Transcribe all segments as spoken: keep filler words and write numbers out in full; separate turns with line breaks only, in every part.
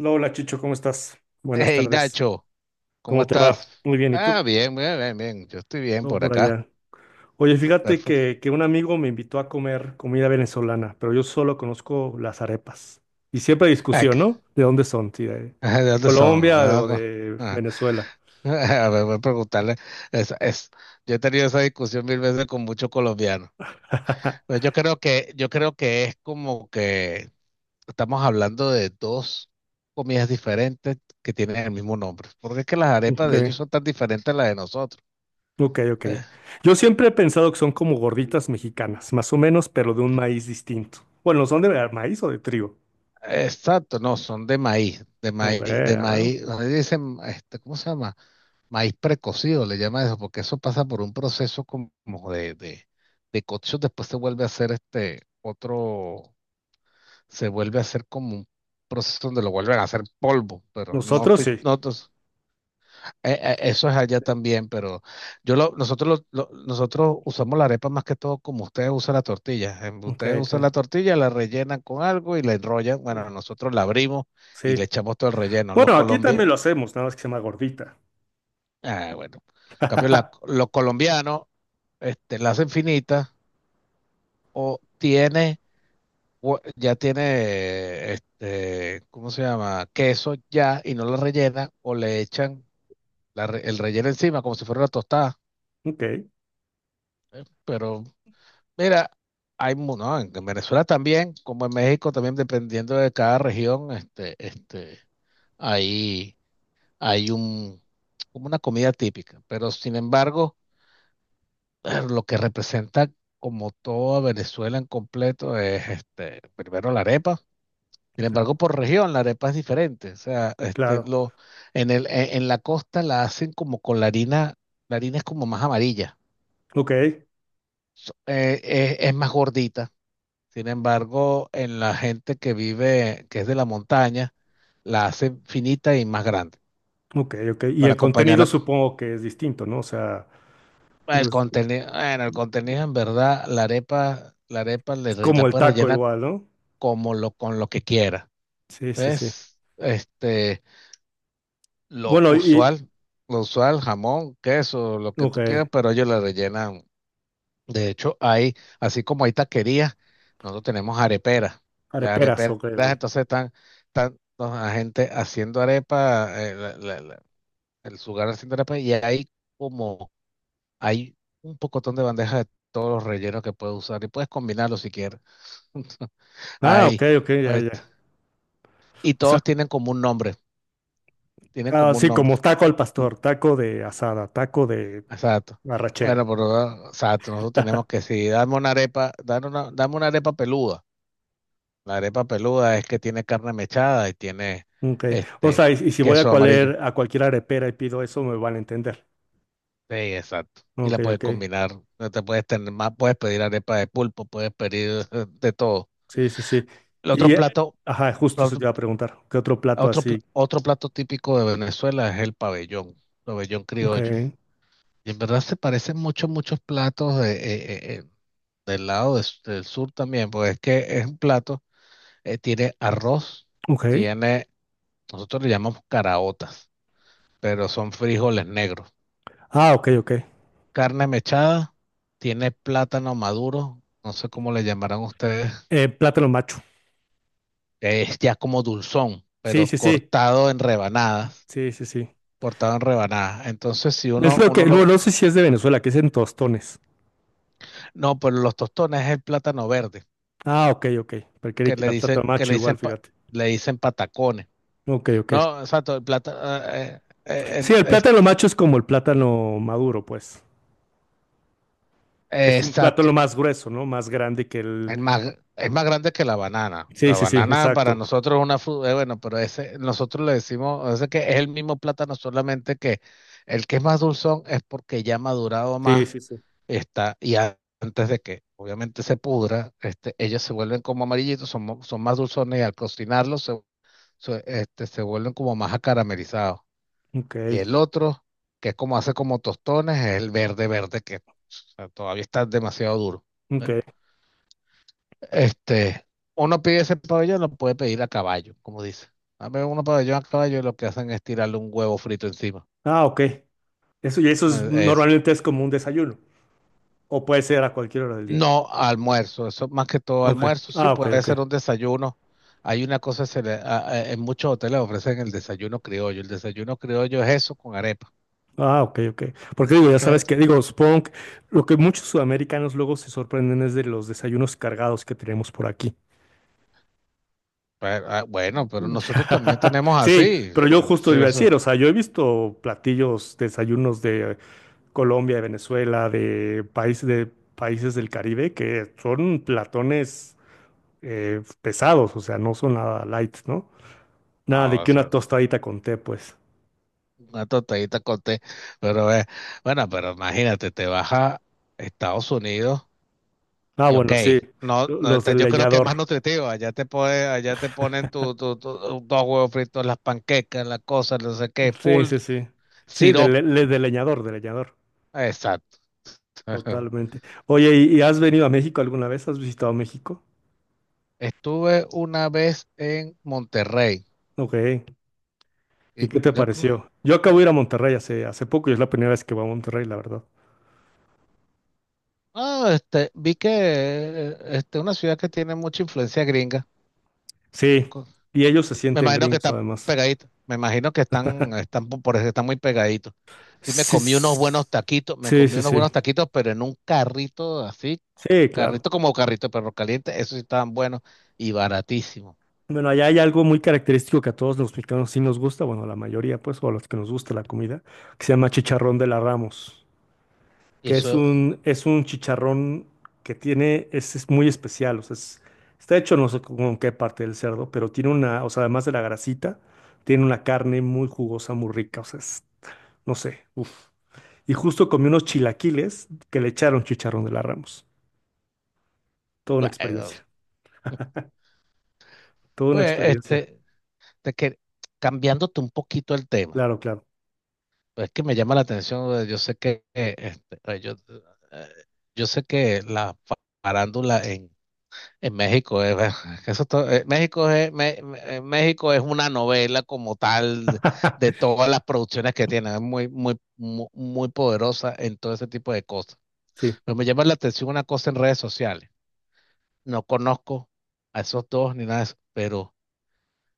Hola Chicho, ¿cómo estás? Buenas
Hey
tardes.
Nacho, ¿cómo
¿Cómo te va?
estás?
Muy bien, ¿y tú?
Ah, bien, bien, bien, bien. Yo estoy bien
Todo
por
por
acá.
allá. Oye, fíjate
Perfecto.
que, que un amigo me invitó a comer comida venezolana, pero yo solo conozco las arepas. Y siempre hay
Ah,
discusión,
que-
¿no? ¿De dónde son? ¿Si de
ah, ¿De dónde son?
Colombia
Ah,
o
no.
de
Ah,
Venezuela?
a ver, voy a preguntarle. Es, es- yo he tenido esa discusión mil veces con muchos colombianos. Pero yo creo que, yo creo que es como que estamos hablando de dos comidas diferentes que tienen el mismo nombre. Porque es que las arepas
Ok,
de ellos son tan diferentes a las de nosotros.
ok, ok.
Eh,
Yo siempre he pensado que son como gorditas mexicanas, más o menos, pero de un maíz distinto. Bueno, ¿son de maíz o de trigo?
Exacto, no, son de maíz, de
Ok,
maíz, de
a ver.
maíz, donde dicen, este, ¿cómo se llama? Maíz precocido le llama eso, porque eso pasa por un proceso como de, de, de cocción, después se vuelve a hacer este otro, se vuelve a hacer como un proceso donde lo vuelven a hacer polvo, pero no
Nosotros
estoy,
sí.
no, tos- eh, eh, eso es allá también, pero yo lo, nosotros lo- lo- nosotros usamos la arepa más que todo como ustedes usan la tortilla. Em,
Ok,
Ustedes usan
ok.
la tortilla, la rellenan con algo y la enrollan. Bueno, nosotros la abrimos y
Sí.
le echamos todo el relleno. Los
Bueno, aquí también
colombianos,
lo hacemos, nada más que se llama gordita.
ah, bueno. En cambio, la- los colombianos, este, enlace infinita, o tiene, hue- ya tiene, este, ¿cómo se llama? Queso ya, y no la rellena, o le echan la re- el relleno encima como si fuera una tostada.
Ok,
Pero mira, hay, mu- no, en en Venezuela también, como en México también, dependiendo de cada región, este, este, ahí hay un, como una comida típica. Pero sin embargo, lo que representa como toda Venezuela en completo es, este, primero la arepa. Sin
claro,
embargo, por región la arepa es diferente. O sea, este,
claro.
lo, en el, en, en la costa la hacen como con la harina, la harina es como más amarilla.
Ok,
So- eh, eh, es más gordita. Sin embargo, en la gente que vive, que es de la montaña, la hacen finita y más grande
ok, ok. Y
para
el contenido
acompañarla.
supongo que es distinto, ¿no? O sea, no
El
es,
contenido, bueno, el contenido en verdad, la arepa, la arepa le
es
re- la
como el
puedes
taco
rellenar
igual, ¿no?
como lo, con lo que quiera.
Sí, sí, sí.
¿Ves? Este lo
Bueno, y,
usual, lo usual, jamón, queso, lo que
ok,
tú quieras, pero ellos la rellenan. De hecho, hay, así como hay taquerías, nosotros tenemos areperas. Las
areperas,
areperas
ok, ok.
entonces están, están la gente haciendo arepa, eh, la- la- la- el lugar haciendo arepa, y hay como, hay un pocotón de bandejas de todos los rellenos que puedes usar y puedes combinarlos si quieres.
Ah,
Hay,
ok, ok, ya,
este,
ya.
y
O sea,
todos tienen como un nombre, tienen como un
así
nombre.
como taco al pastor, taco de asada, taco de
Exacto.
arrachera.
Bueno, pero ah, exacto, nosotros tenemos que si damos una arepa, dame una, dame una arepa peluda. La arepa peluda es que tiene carne mechada y tiene
Ok. O
este
sea, y, y si voy a,
queso amarillo.
cualer- a cualquier arepera y pido eso, me van a entender.
Sí, exacto. Y
Ok,
la puedes
ok.
combinar. No te puedes tener más, puedes pedir arepa de pulpo, puedes pedir eh, de todo.
Sí, sí, sí.
El otro
Y, eh,
plato,
ajá, justo eso te
otro,
iba a preguntar, ¿qué otro plato
otro pla-
así?
otro plato típico de Venezuela es el pabellón, pabellón
Ok,
criollo. Y en verdad se parecen mucho, muchos platos de, eh, eh, eh, del lado de- s- del sur también, porque es que es un plato, eh, tiene arroz,
ok.
tiene, nosotros le llamamos caraotas, pero son frijoles negros.
Ah, ok, ok.
Carne mechada, tiene plátano maduro, no sé cómo le llamarán ustedes,
Eh, plátano macho.
es ya como dulzón,
Sí,
pero
sí, sí.
cortado en rebanadas,
Sí, sí, sí.
cortado en rebanadas. Entonces, si
Es
uno,
lo
uno
que, no,
lo,
no sé si es de Venezuela, que es en tostones.
no, pero los tostones es el plátano verde,
Ah, ok, ok. Pero quería
que
que
le
era plátano
dicen, que
macho
le
igual,
dicen, pa-
fíjate.
le dicen patacones.
Ok, ok.
No, exacto, el plátano,
Sí, el plátano macho es como el plátano maduro, pues. Es un plátano más grueso, ¿no? Más grande que el...
Es más, es más grande que la banana.
Sí,
La
sí, sí,
banana para
exacto.
nosotros es una fruta, bueno, pero ese, nosotros le decimos, ese que es el mismo plátano, solamente que el que es más dulzón es porque ya ha madurado
Sí,
más,
sí, sí.
está, y a- antes de que obviamente se pudra, este, ellos se vuelven como amarillitos, son, mo- son más dulzones y al cocinarlos se, se- este, se vuelven como más acaramelizados.
Ok,
Y el otro, que es como hace como tostones, es el verde verde que, o sea, todavía está demasiado duro. ¿Eh?
ok.
Este, uno pide ese pabellón, lo puede pedir a caballo, como dice. Dame uno pabellón a caballo y lo que hacen es tirarle un huevo frito encima.
Ah, ok. Eso, y eso es,
Eh, Es
normalmente es como un desayuno. O puede ser a cualquier hora del día.
no almuerzo, eso más que todo
Ok.
almuerzo, sí,
Ah, ok,
puede
ok.
ser un desayuno. Hay una cosa, se le- a- a- en muchos hoteles ofrecen el desayuno criollo. El desayuno criollo es eso con arepa.
Ah, ok, ok. Porque digo, ya
Eh,
sabes que, digo, supongo que lo que muchos sudamericanos luego se sorprenden es de los desayunos cargados que tenemos por aquí.
pero, ah, bueno, pero nosotros también tenemos
Sí,
así.
pero yo justo
Sí,
iba a
eso.
decir, o sea, yo he visto platillos, desayunos de Colombia, de Venezuela, de países de países del Caribe que son platones eh, pesados, o sea, no son nada light, ¿no? Nada de
No,
que una
eso,
tostadita con té, pues.
una tostadita con té. Pero eh, bueno, pero imagínate, te vas a Estados Unidos.
Ah,
Y ok,
bueno, sí,
no,
lo-
no,
los
este,
del
yo creo que es más
leñador.
nutritivo. Allá te pone, allá te ponen tu, tu- tu- dos huevos fritos, las panquecas, las cosas, no sé qué,
Sí,
full
sí, sí. Sí, de,
sirop.
le- le- de leñador, de leñador.
Exacto.
Totalmente. Oye, ¿y, y has venido a México alguna vez? ¿Has visitado México?
Estuve una vez en Monterrey.
Ok.
Y
¿Y qué te
yo no-
pareció? Yo acabo de ir a Monterrey hace, hace poco y es la primera vez que voy a Monterrey, la verdad.
ah, este, vi que eh, este, una ciudad que tiene mucha influencia gringa.
Sí. Y ellos se
Me
sienten
imagino que
gringos,
están
además.
pegaditos. Me imagino que están, están po- por eso están muy pegaditos. Sí, me
Sí,
comí unos
s-
buenos taquitos, me
sí,
comí
sí.
unos
Sí,
buenos taquitos, pero en un carrito así,
sí, claro.
carrito como carrito de perro caliente, esos sí estaban buenos y baratísimos.
Bueno, allá hay algo muy característico que a todos los mexicanos sí nos gusta, bueno, a la mayoría, pues, o a los que nos gusta la comida, que se llama chicharrón de la Ramos.
Y
Que es
eso,
un, es un chicharrón que tiene, es, es muy especial, o sea, es- está hecho no sé con qué parte del cerdo, pero tiene una, o sea, además de la grasita, tiene una carne muy jugosa, muy rica, o sea, es- no sé, uf. Y justo comí unos chilaquiles que le echaron chicharrón de la Ramos. Toda una
bueno,
experiencia, toda una
pues,
experiencia,
este, te que, cambiándote un poquito el tema,
claro, claro.
pues es que me llama la atención, eh, yo sé que, eh, este, eh, yo, eh, yo sé que la farándula en México es. Eso to- eh, México es, Me- Me- eh, México es una novela como tal de todas las producciones que tiene, es muy, muy, mu- muy, poderosa en todo ese tipo de cosas.
Sí.
Pero me llama la atención una cosa en redes sociales. No conozco a esos dos ni nada de eso, pero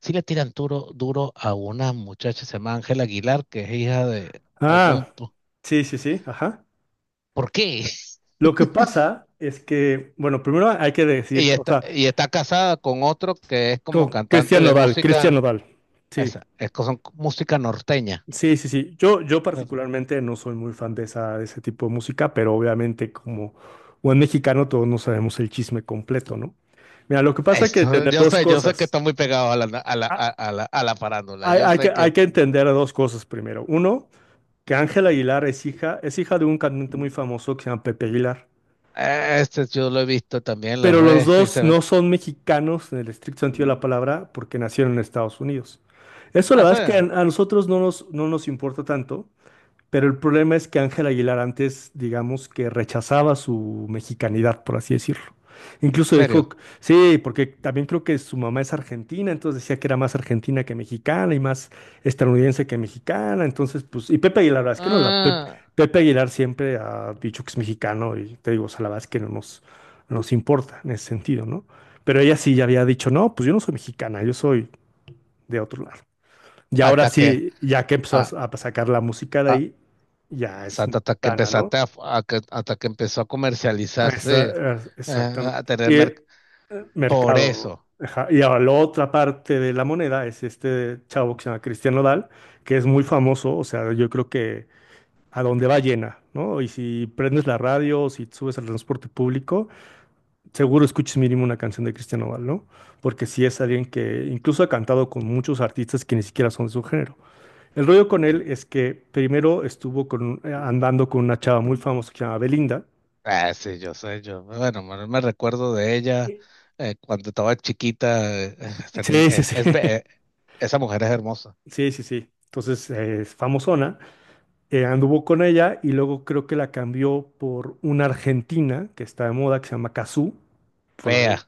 sí le tiran duro, duro a una muchacha, se llama Ángela Aguilar, que es hija de algún.
Ah,
po-
sí, sí, sí, ajá.
¿Por qué?
Lo que pasa es que, bueno, primero hay que decir,
Y
que, o
está,
sea,
y está casada con otro que es como
con
cantante
Cristian
de
Nodal, Cristian
música,
Nodal, sí.
esa, es, que son música norteña.
Sí, sí, sí. Yo, yo
Claro.
particularmente no soy muy fan de esa, de ese tipo de música, pero obviamente como buen mexicano todos no sabemos el chisme completo, ¿no? Mira, lo que pasa es que
Esto,
entender
yo
dos
sé, yo sé que
cosas.
está muy pegado a la, a la, a,
Ah,
a la, a la farándula.
hay,
Yo
hay que,
sé
hay
que
que entender dos cosas primero. Uno, que Ángela Aguilar es hija, es hija de un cantante muy famoso que se llama Pepe Aguilar.
eh, este yo lo he visto también en las
Pero los
redes y
dos
se ve.
no son mexicanos en el estricto sentido de la palabra porque nacieron en Estados Unidos. Eso la
Ah,
verdad
¿sí?
es que a, a nosotros no nos, no nos importa tanto. Pero el problema es que Ángel Aguilar antes, digamos que rechazaba su mexicanidad, por así decirlo.
¿En
Incluso dijo,
serio?
sí, porque también creo que su mamá es argentina, entonces decía que era más argentina que mexicana y más estadounidense que mexicana. Entonces, pues, y Pepe Aguilar, la verdad es que no, la Pep-
Ah,
Pepe Aguilar siempre ha dicho que es mexicano y te digo, o sea, la verdad es que no nos, no nos importa en ese sentido, ¿no? Pero ella sí ya había dicho, no, pues yo no soy mexicana, yo soy de otro lado. Y ahora
hasta que,
sí, ya que empezó a,
a,
a sacar la música de
a,
ahí, ya
o sea,
es
hasta que
mexicana, ¿no?
empezaste a, a que- hasta que empezó a
Ah, esa-
comercializarse,
ah,
eh, a
exactamente.
tener
Y
merc-.
eh,
Por
mercado.
eso.
Ajá. Y ahora la otra parte de la moneda es este chavo que se llama Cristian Nodal, que es muy famoso, o sea, yo creo que a donde va llena, ¿no? Y si prendes la radio, o si subes al transporte público, seguro escuches mínimo una canción de Cristian Nodal, ¿no? Porque sí es alguien que incluso ha cantado con muchos artistas que ni siquiera son de su género. El rollo con él es que primero estuvo con, eh, andando con una chava muy famosa que se llama Belinda.
Ah, sí, yo sé, yo, bueno, me me recuerdo de ella eh, cuando estaba chiquita. Eh, esa ni-
Sí, sí,
es,
sí.
es be- eh, Esa mujer es hermosa.
Sí, sí, sí. Entonces eh, es famosona. Eh, anduvo con ella y luego creo que la cambió por una argentina que está de moda que se llama Cazzu. por
Fea,
la-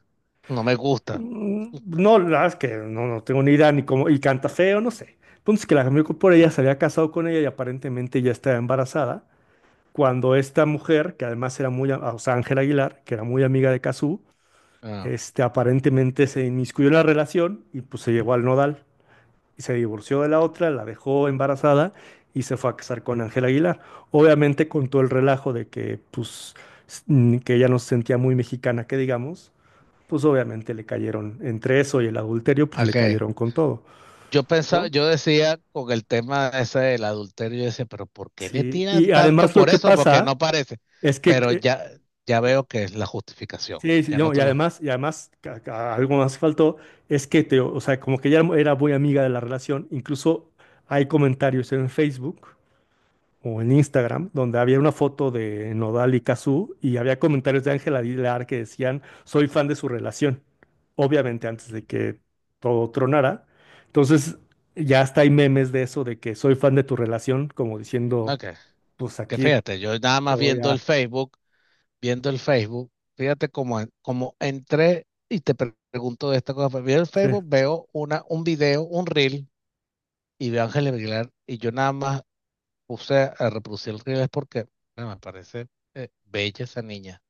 no me gusta.
Mm, no, la verdad es que no, no tengo ni idea ni cómo. Y canta feo, no sé. Entonces que la cambió por ella, se había casado con ella y aparentemente ya estaba embarazada. Cuando esta mujer, que además era muy, a- o sea, Ángela Aguilar, que era muy amiga de Cazzu,
Ah,
este, aparentemente se inmiscuyó en la relación y pues se llevó al nodal y se divorció de la otra, la dejó embarazada y se fue a casar con Ángel Aguilar. Obviamente con todo el relajo de que pues s- mm, que ella no se sentía muy mexicana, que digamos, pues obviamente le cayeron entre eso y el adulterio, pues le
ok.
cayeron con todo,
Yo pensaba,
¿no?
yo decía con el tema ese del adulterio, yo decía, pero ¿por qué le
Sí,
tiran
y
tanto
además lo
por
que
eso? Porque
pasa
no parece.
es
Pero
que
ya, ya veo que es la justificación.
sí, sí,
Ya no
no, y
te lo.
además, y además ca- ca- algo más faltó, es que te, o sea, como que ya era muy amiga de la relación, incluso hay comentarios en Facebook o en Instagram donde había una foto de Nodal y Cazzu y había comentarios de Ángela Aguilar que decían, soy fan de su relación, obviamente antes de que todo tronara. Entonces, ya hasta hay memes de eso, de que soy fan de tu relación, como diciendo,
Ok.
pues
Que
aquí
fíjate, yo nada
te
más
voy
viendo el
a...
Facebook, viendo el Facebook, fíjate cómo, en- cómo entré y te pre- pregunto de esta cosa. Pero veo el
Sí,
Facebook, veo una, un video, un reel, y veo a Ángel Aguilar, y yo nada más puse a, reproducir el reel es porque bueno, me parece eh, bella esa niña,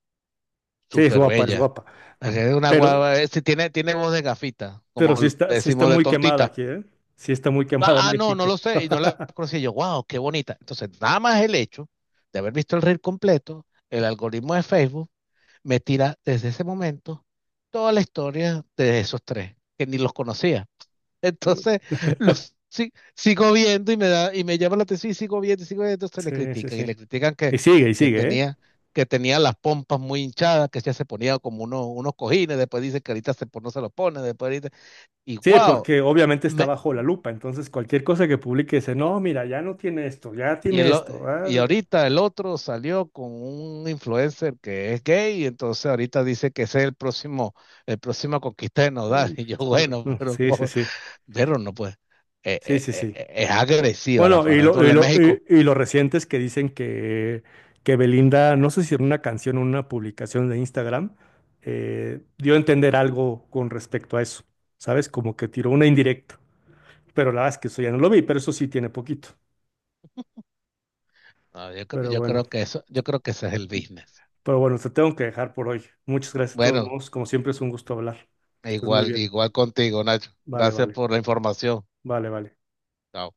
sí, es
súper
guapa, es
bella.
guapa.
Es una
Pero,
guava, eh, sí, tiene, tiene voz de gafita,
Pero
como
sí
le
está, sí está
decimos de
muy quemada
tontita.
aquí, ¿eh? Sí está muy quemada en
Ah, ah, no, no
México.
lo sé, y no la conocí. Yo, wow, qué bonita. Entonces, nada más el hecho de haber visto el reel completo, el algoritmo de Facebook me tira desde ese momento toda la historia de esos tres, que ni los conocía. Entonces, los si- sigo viendo y me da, y me llama la atención y sigo viendo y sigo viendo, entonces le
Sí, sí,
critican y
sí.
le critican que,
Y sigue, y
que
sigue, ¿eh?
tenía, que tenía las pompas muy hinchadas, que ya se ponía como unos, unos cojines, después dice que ahorita se, pon- no se los pone, después ahorita, y
Sí,
wow,
porque obviamente está
me,
bajo la lupa, entonces cualquier cosa que publique dice, no, mira, ya no tiene esto, ya
y
tiene
el o-
esto.
y
Ah.
ahorita el otro salió con un influencer que es gay, y entonces ahorita dice que ese es el próximo, el próximo conquista de Nodal,
Mm,
y yo, bueno,
mm,
pero,
sí, sí, sí,
pero no pues, eh,
sí,
eh,
sí,
eh,
sí.
eh, es agresiva la
Bueno, y lo, y
farándula en
lo,
México.
y, y lo reciente es que dicen que, que Belinda, no sé si en una canción o una publicación de Instagram, eh, dio a entender algo con respecto a eso, ¿sabes? Como que tiró una indirecta. Pero la verdad es que eso ya no lo vi, pero eso sí tiene poquito.
No, yo, cre-
Pero
yo creo
bueno,
que eso, yo creo que ese es el business.
pero bueno, te tengo que dejar por hoy. Muchas gracias de todos
Bueno,
modos. Como siempre es un gusto hablar. Que estés muy
igual,
bien.
igual contigo, Nacho.
Vale,
Gracias
vale,
por la información.
vale, vale.
Chao.